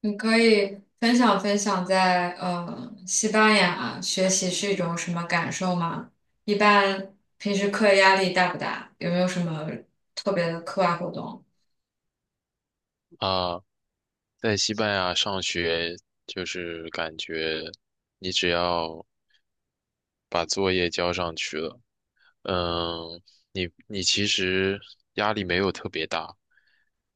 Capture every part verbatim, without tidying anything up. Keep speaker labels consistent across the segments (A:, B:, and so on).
A: 你可以分享分享在呃西班牙学习是一种什么感受吗？一般平时课业压力大不大？有没有什么特别的课外活动？
B: 啊，在西班牙上学就是感觉你只要把作业交上去了，嗯，你你其实压力没有特别大，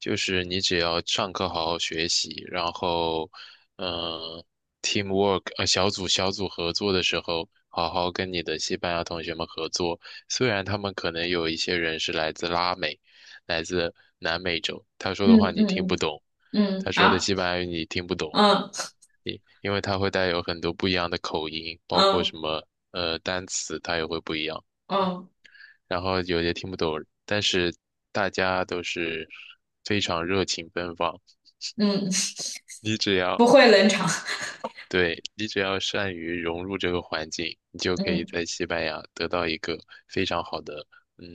B: 就是你只要上课好好学习，然后，嗯，teamwork 呃小组小组合作的时候，好好跟你的西班牙同学们合作。虽然他们可能有一些人是来自拉美，来自南美洲，他说的
A: 嗯
B: 话你听不
A: 嗯
B: 懂，
A: 嗯
B: 他
A: 嗯
B: 说的
A: 啊
B: 西班牙语你听不懂，
A: 嗯
B: 因为他会带有很多不一样的口音，包括
A: 嗯
B: 什么呃单词，它也会不一样。
A: 嗯
B: 然后有些听不懂，但是大家都是非常热情奔放。
A: 嗯，
B: 你只 要，
A: 不会冷场。
B: 对，你只要善于融入这个环境，你就可以
A: 嗯
B: 在西班牙得到一个非常好的嗯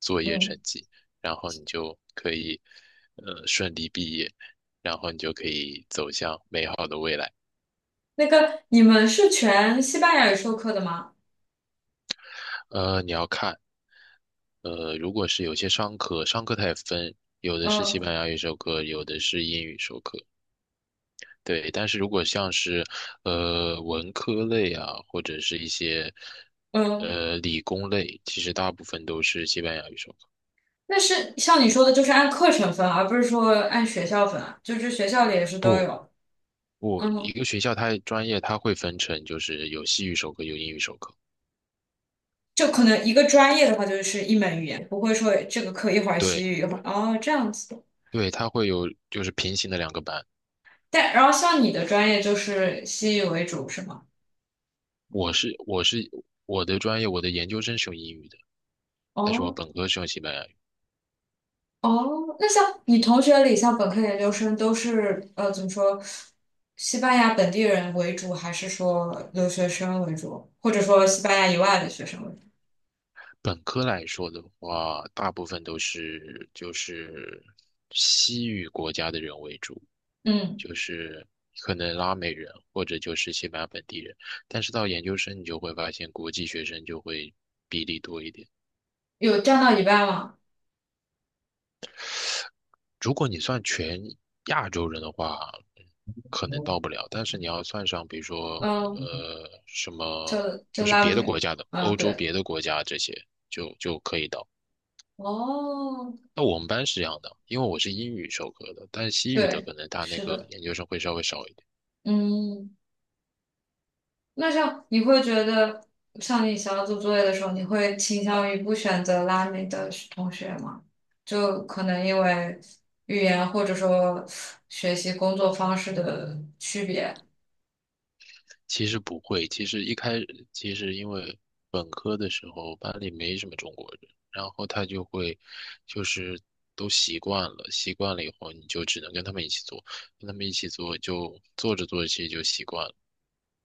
B: 作业成
A: 嗯，
B: 绩，然后你就可以呃顺利毕业，然后你就可以走向美好的未来。
A: 那个你们是全西班牙语授课的吗？
B: 呃，你要看。呃，如果是有些商科，商科它也分，有的是西班
A: 嗯
B: 牙语授课，有的是英语授课，对，但是如果像是呃文科类啊，或者是一些
A: 嗯，
B: 呃理工类，其实大部分都是西班牙语授课。
A: 那是像你说的，就是按课程分，而不是说按学校分啊就是学校里也是都
B: 不，
A: 有。
B: 不，一
A: 嗯。
B: 个学校它专业它会分成，就是有西语授课，有英语授课。
A: 就可能一个专业的话，就是一门语言，不会说这个课一会儿
B: 对
A: 西语，一会儿哦这样子。
B: 对，它会有就是平行的两个班。
A: 但然后像你的专业就是西语为主，是吗？
B: 我是我是我的专业，我的研究生是用英语的，但是我
A: 哦
B: 本科是用西班牙语。
A: 哦，那像你同学里，像本科研究生都是呃怎么说，西班牙本地人为主，还是说留学生为主，或者说西班牙以外的学生为主？
B: 本科来说的话，大部分都是就是西语国家的人为主，
A: 嗯，
B: 就是可能拉美人或者就是西班牙本地人。但是到研究生，你就会发现国际学生就会比例多一点。
A: 有占到一半吗？
B: 如果你算全亚洲人的话，嗯可能到不了。但是你要算上，比如说
A: 嗯，
B: 呃什
A: 就
B: 么，就
A: 就
B: 是
A: 拉
B: 别的
A: 美，
B: 国家的，
A: 嗯，
B: 欧洲
A: 对，
B: 别的国家这些，就就可以到。
A: 哦，
B: 那我们班是这样的，因为我是英语授课的，但是西语的
A: 对，
B: 可能他那
A: 是
B: 个
A: 的，
B: 研究生会稍微少一点。
A: 嗯。那像你会觉得，像你想要做作业的时候，你会倾向于不选择拉美的同学吗？就可能因为语言或者说学习工作方式的区别，
B: 其实不会，其实一开始其实因为本科的时候班里没什么中国人，然后他就会就是都习惯了，习惯了以后你就只能跟他们一起做，跟他们一起做就做着做着其实就习惯了，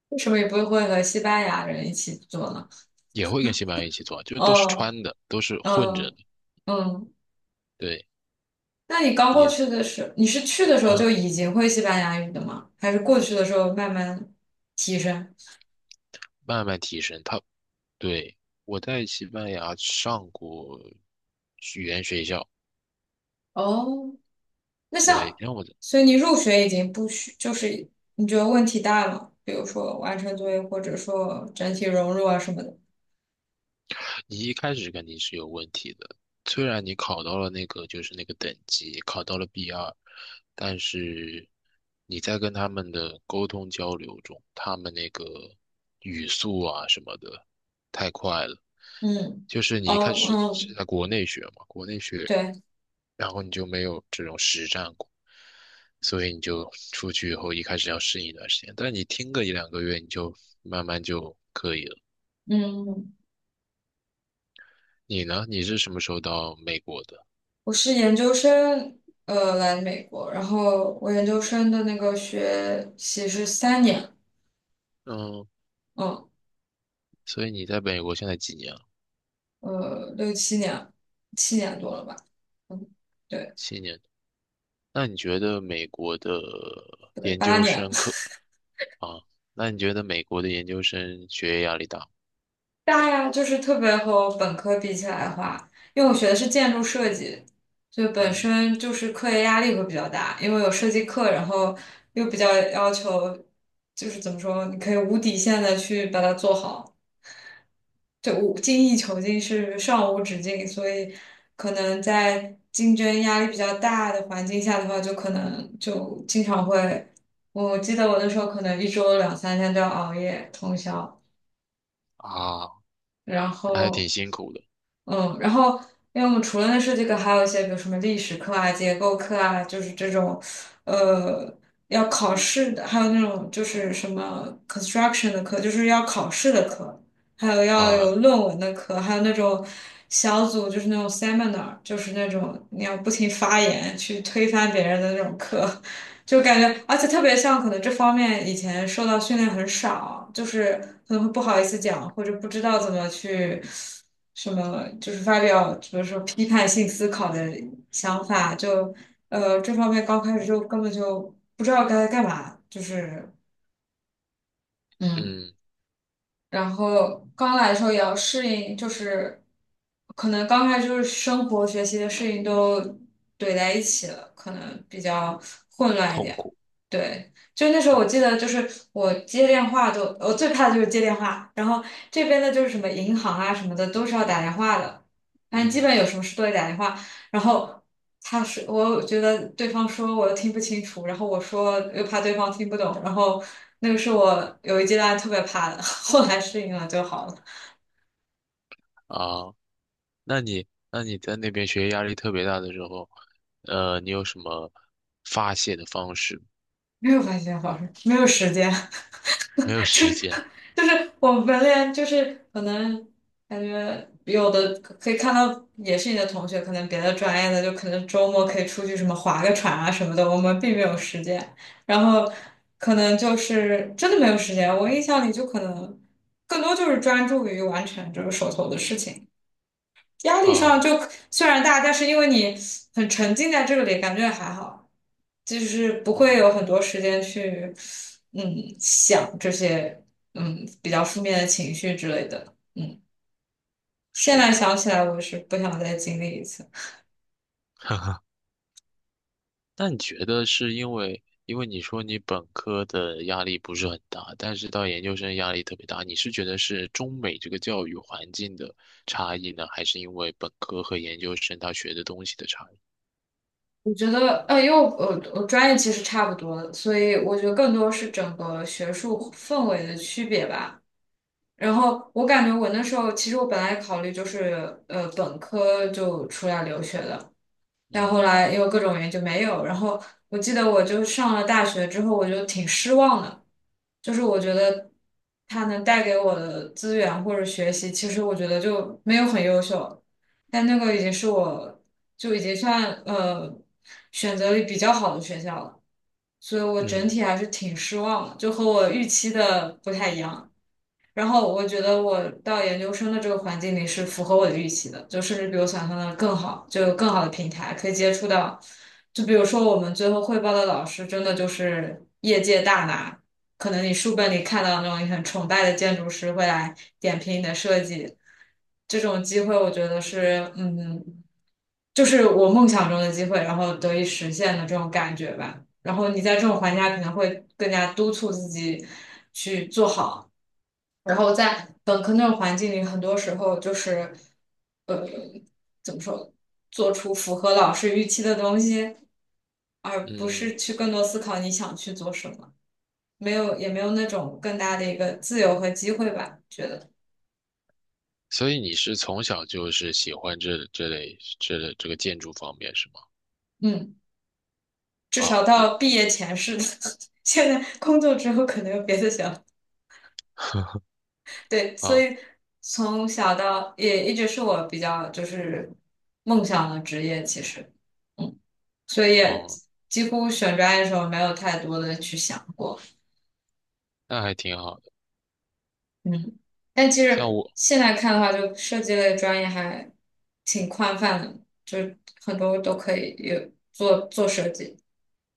A: 为什么也不会和西班牙人一起做呢？
B: 也会跟西班牙一起做，就是都是
A: 哦，
B: 穿的，都是混着
A: 嗯
B: 的。
A: 嗯，
B: 对。
A: 那你刚过
B: 你
A: 去的时候，你是去的时候就
B: 啊
A: 已经会西班牙语的吗？还是过去的时候慢慢提升？
B: 慢慢提升。他对，我在西班牙上过语言学校。
A: 哦，那
B: 对。
A: 像，
B: 让我
A: 所以你入学已经不需，就是你觉得问题大了，比如说完成作业，或者说整体融入啊什么的。
B: 你一开始肯定是有问题的。虽然你考到了那个就是那个等级，考到了 b 二，但是你在跟他们的沟通交流中，他们那个语速啊什么的太快了。
A: 嗯，
B: 就是你
A: 哦，
B: 一开始是
A: 嗯，
B: 在国内学嘛，国内学，
A: 对，
B: 然后你就没有这种实战过，所以你就出去以后一开始要适应一段时间，但你听个一两个月，你就慢慢就可以了。
A: 嗯，
B: 你呢？你是什么时候到美国的？
A: 我是研究生，呃，来美国，然后我研究生的那个学习是三年，
B: 嗯，
A: 嗯，
B: 所以你在美国现在几年了？
A: 呃，六七年，七年多了吧，嗯，对，
B: 七年。那你觉得美国的
A: 不对，
B: 研
A: 八
B: 究
A: 年。
B: 生课啊？那你觉得美国的研究生学业压力大吗？
A: 大呀，就是特别和我本科比起来的话，因为我学的是建筑设计，就本
B: 嗯
A: 身就是课业压力会比较大，因为有设计课，然后又比较要求，就是怎么说，你可以无底线的去把它做好，就无精益求精是上无止境，所以可能在竞争压力比较大的环境下的话，就可能就经常会，我记得我那时候可能一周两三天都要熬夜通宵。
B: 啊，
A: 然
B: 那还挺
A: 后
B: 辛苦的
A: 嗯，然后因为我们除了那设计课，还有一些比如什么历史课啊、结构课啊，就是这种呃要考试的，还有那种就是什么 construction 的课，就是要考试的课，还有要有
B: 啊，
A: 论文的课，还有那种小组就是那种 seminar，就是那种你要不停发言去推翻别人的那种课。就感觉，而且特别像可能这方面以前受到训练很少，就是可能会不好意思讲，或者不知道怎么去什么，就是发表，比如说批判性思考的想法，就呃这方面刚开始就根本就不知道该干嘛，就是嗯。
B: 嗯，
A: 然后刚来的时候也要适应，就是可能刚开始就是生活、学习的事情都怼在一起了，可能比较混乱一
B: 痛
A: 点。
B: 苦，
A: 对，就那时候我记得，就是我接电话都，我最怕的就是接电话。然后这边的就是什么银行啊什么的，都是要打电话的，反正基
B: 嗯
A: 本有什么事都得打电话。然后他是我觉得对方说我又听不清楚，然后我说又怕对方听不懂，然后那个是我有一阶段特别怕的，后来适应了就好了，
B: 啊。那你那你在那边学业压力特别大的时候，呃，你有什么发泄的方式？
A: 没有发现好事，没有时间。
B: 没有时间
A: 就是我们连就是可能感觉有的可可以看到，也是你的同学，可能别的专业的就可能周末可以出去什么划个船啊什么的，我们并没有时间，然后可能就是真的没有时间。我印象里就可能更多就是专注于完成这个手头的事情。压力上
B: 啊，
A: 就虽然大，但是因为你很沉浸在这里，感觉还好，就是不会
B: 嗯，
A: 有很多时间去嗯想这些嗯比较负面的情绪之类的。嗯，现
B: 是
A: 在
B: 的。
A: 想起来，我是不想再经历一次。
B: 那你觉得是因为，因为你说你本科的压力不是很大，但是到研究生压力特别大，你是觉得是中美这个教育环境的差异呢，还是因为本科和研究生他学的东西的差异？
A: 我觉得，呃，因为我我我专业其实差不多的，所以我觉得更多是整个学术氛围的区别吧。然后我感觉我那时候，其实我本来考虑就是，呃，本科就出来留学的，但后
B: 嗯
A: 来因为各种原因就没有。然后我记得我就上了大学之后，我就挺失望的，就是我觉得他能带给我的资源或者学习，其实我觉得就没有很优秀，但那个已经是我就已经算呃选择里比较好的学校了，所以我整
B: 嗯
A: 体还是挺失望的，就和我预期的不太一样。然后我觉得我到研究生的这个环境里是符合我的预期的，就甚至比我想象的更好，就有更好的平台可以接触到。就比如说我们最后汇报的老师，真的就是业界大拿，可能你书本里看到那种你很崇拜的建筑师会来点评你的设计，这种机会我觉得是，嗯，就是我梦想中的机会，然后得以实现的这种感觉吧。然后你在这种环境下，可能会更加督促自己去做好。然后在本科那种环境里，很多时候就是，呃，怎么说，做出符合老师预期的东西，而不
B: 嗯，
A: 是去更多思考你想去做什么，没有也没有那种更大的一个自由和机会吧，觉得，
B: 所以你是从小就是喜欢这这类这类这个建筑方面是吗？
A: 嗯，至
B: 啊，
A: 少
B: 你
A: 到毕业前是的，现在工作之后可能有别的想法 对，所
B: 啊
A: 以从小到也一直是我比较就是梦想的职业，其实。嗯。所以也
B: 哦，
A: 几乎选专业的时候没有太多的去想过，
B: 那还挺好的。
A: 嗯，但其
B: 像
A: 实
B: 我
A: 现在看的话，就设计类专业还挺宽泛的，就很多都可以有做做设计。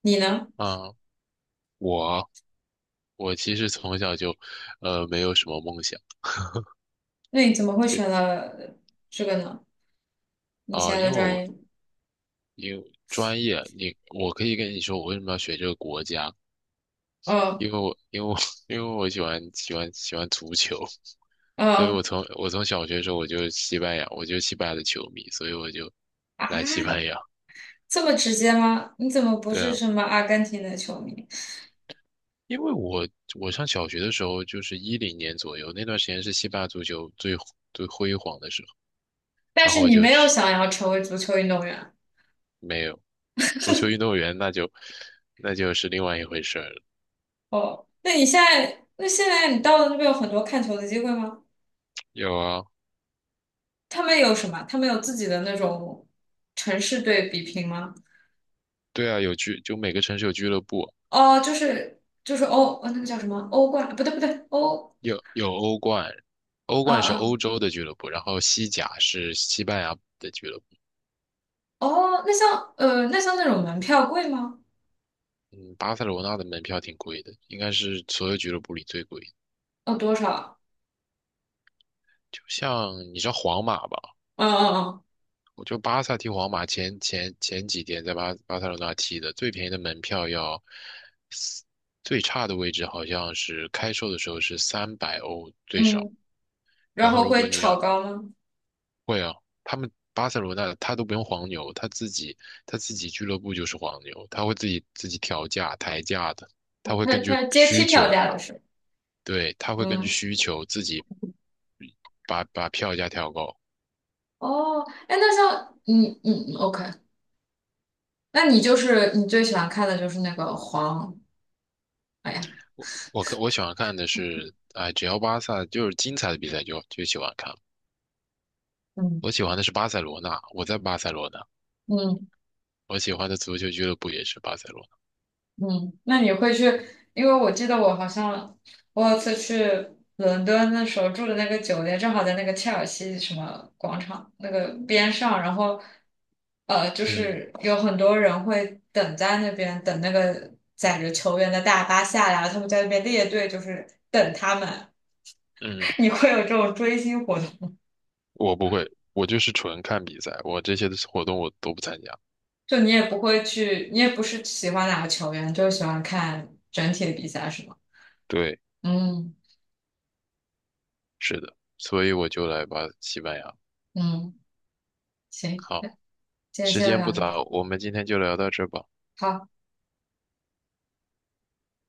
A: 你呢？
B: 啊，我我其实从小就，呃，没有什么梦想。
A: 那你怎么会
B: 就
A: 选了这个呢？你
B: 啊、
A: 现
B: 因
A: 在
B: 为
A: 的专
B: 我
A: 业？
B: 因为专业，你我可以跟你说我为什么要学这个国家，
A: 哦
B: 因为我因为我 因为我喜欢喜欢喜欢足球，所以我
A: 哦
B: 从我从小学的时候我就是西班牙，我就是西班牙的球迷，所以我就
A: 啊，
B: 来西班牙。
A: 这么直接吗？你怎么不
B: 对
A: 是
B: 啊，
A: 什么阿根廷的球迷？
B: 因为我我上小学的时候就是一零年左右，那段时间是西班牙足球最最辉煌的时候，
A: 但
B: 然后
A: 是
B: 我
A: 你
B: 就
A: 没有
B: 是
A: 想要成为足球运动员
B: 没有足球运动员，那就那就是另外一回事儿了。
A: 哦？那你现在，那现在你到了那边有很多看球的机会吗？
B: 有啊，
A: 他们有什么？他们有自己的那种城市对比拼吗？
B: 对啊，有俱就每个城市有俱乐部。
A: 哦，就是就是欧，呃那个叫什么欧冠？不对不对，欧，
B: 有有欧冠，欧
A: 啊
B: 冠是
A: 啊
B: 欧洲的俱乐部，然后西甲是西班牙的俱乐部。
A: 哦，那像呃，那像那种门票贵吗？
B: 嗯，巴塞罗那的门票挺贵的，应该是所有俱乐部里最贵的。
A: 哦，多少？
B: 就像你知道皇马吧，
A: 嗯嗯
B: 我就巴萨踢皇马前前前几天在巴巴塞罗那踢的，最便宜的门票要最差的位置好像是开售的时候是三百欧最
A: 嗯
B: 少，
A: 嗯，
B: 然
A: 然
B: 后
A: 后
B: 如果
A: 会
B: 你
A: 炒
B: 要
A: 高吗？
B: 会啊，他们巴塞罗那他都不用黄牛，他自己他自己俱乐部就是黄牛，他会自己自己调价抬价的，他会
A: 它
B: 根据
A: 它阶
B: 需
A: 梯票
B: 求，
A: 价的是，
B: 对，他会根据
A: 嗯，
B: 需求自己把把票价调高。
A: 哦，哎，那像嗯嗯 O K，那你就是你最喜欢看的就是那个黄，哎呀，
B: 我我看我喜欢看的是，哎，只要巴萨就是精彩的比赛就就喜欢看。
A: 嗯
B: 我喜欢的是巴塞罗那，我在巴塞罗那，
A: 嗯
B: 我喜欢的足球俱乐部也是巴塞罗那。
A: 嗯，那你会去？因为我记得我好像我有次去伦敦的时候住的那个酒店，正好在那个切尔西什么广场那个边上，然后呃，就
B: 嗯
A: 是有很多人会等在那边等那个载着球员的大巴下来，他们在那边列队，就是等他们。
B: 嗯，
A: 你会有这种追星活动吗？
B: 我不会，我就是纯看比赛，我这些的活动我都不参加。
A: 就你也不会去，你也不是喜欢哪个球员，就是喜欢看整体的比赛，是吗？
B: 对。
A: 嗯
B: 是的，所以我就来吧，西班牙。
A: 嗯，行，
B: 好，
A: 今天
B: 时
A: 先
B: 间不
A: 聊到这。
B: 早，我们今天就聊到这吧。
A: 好。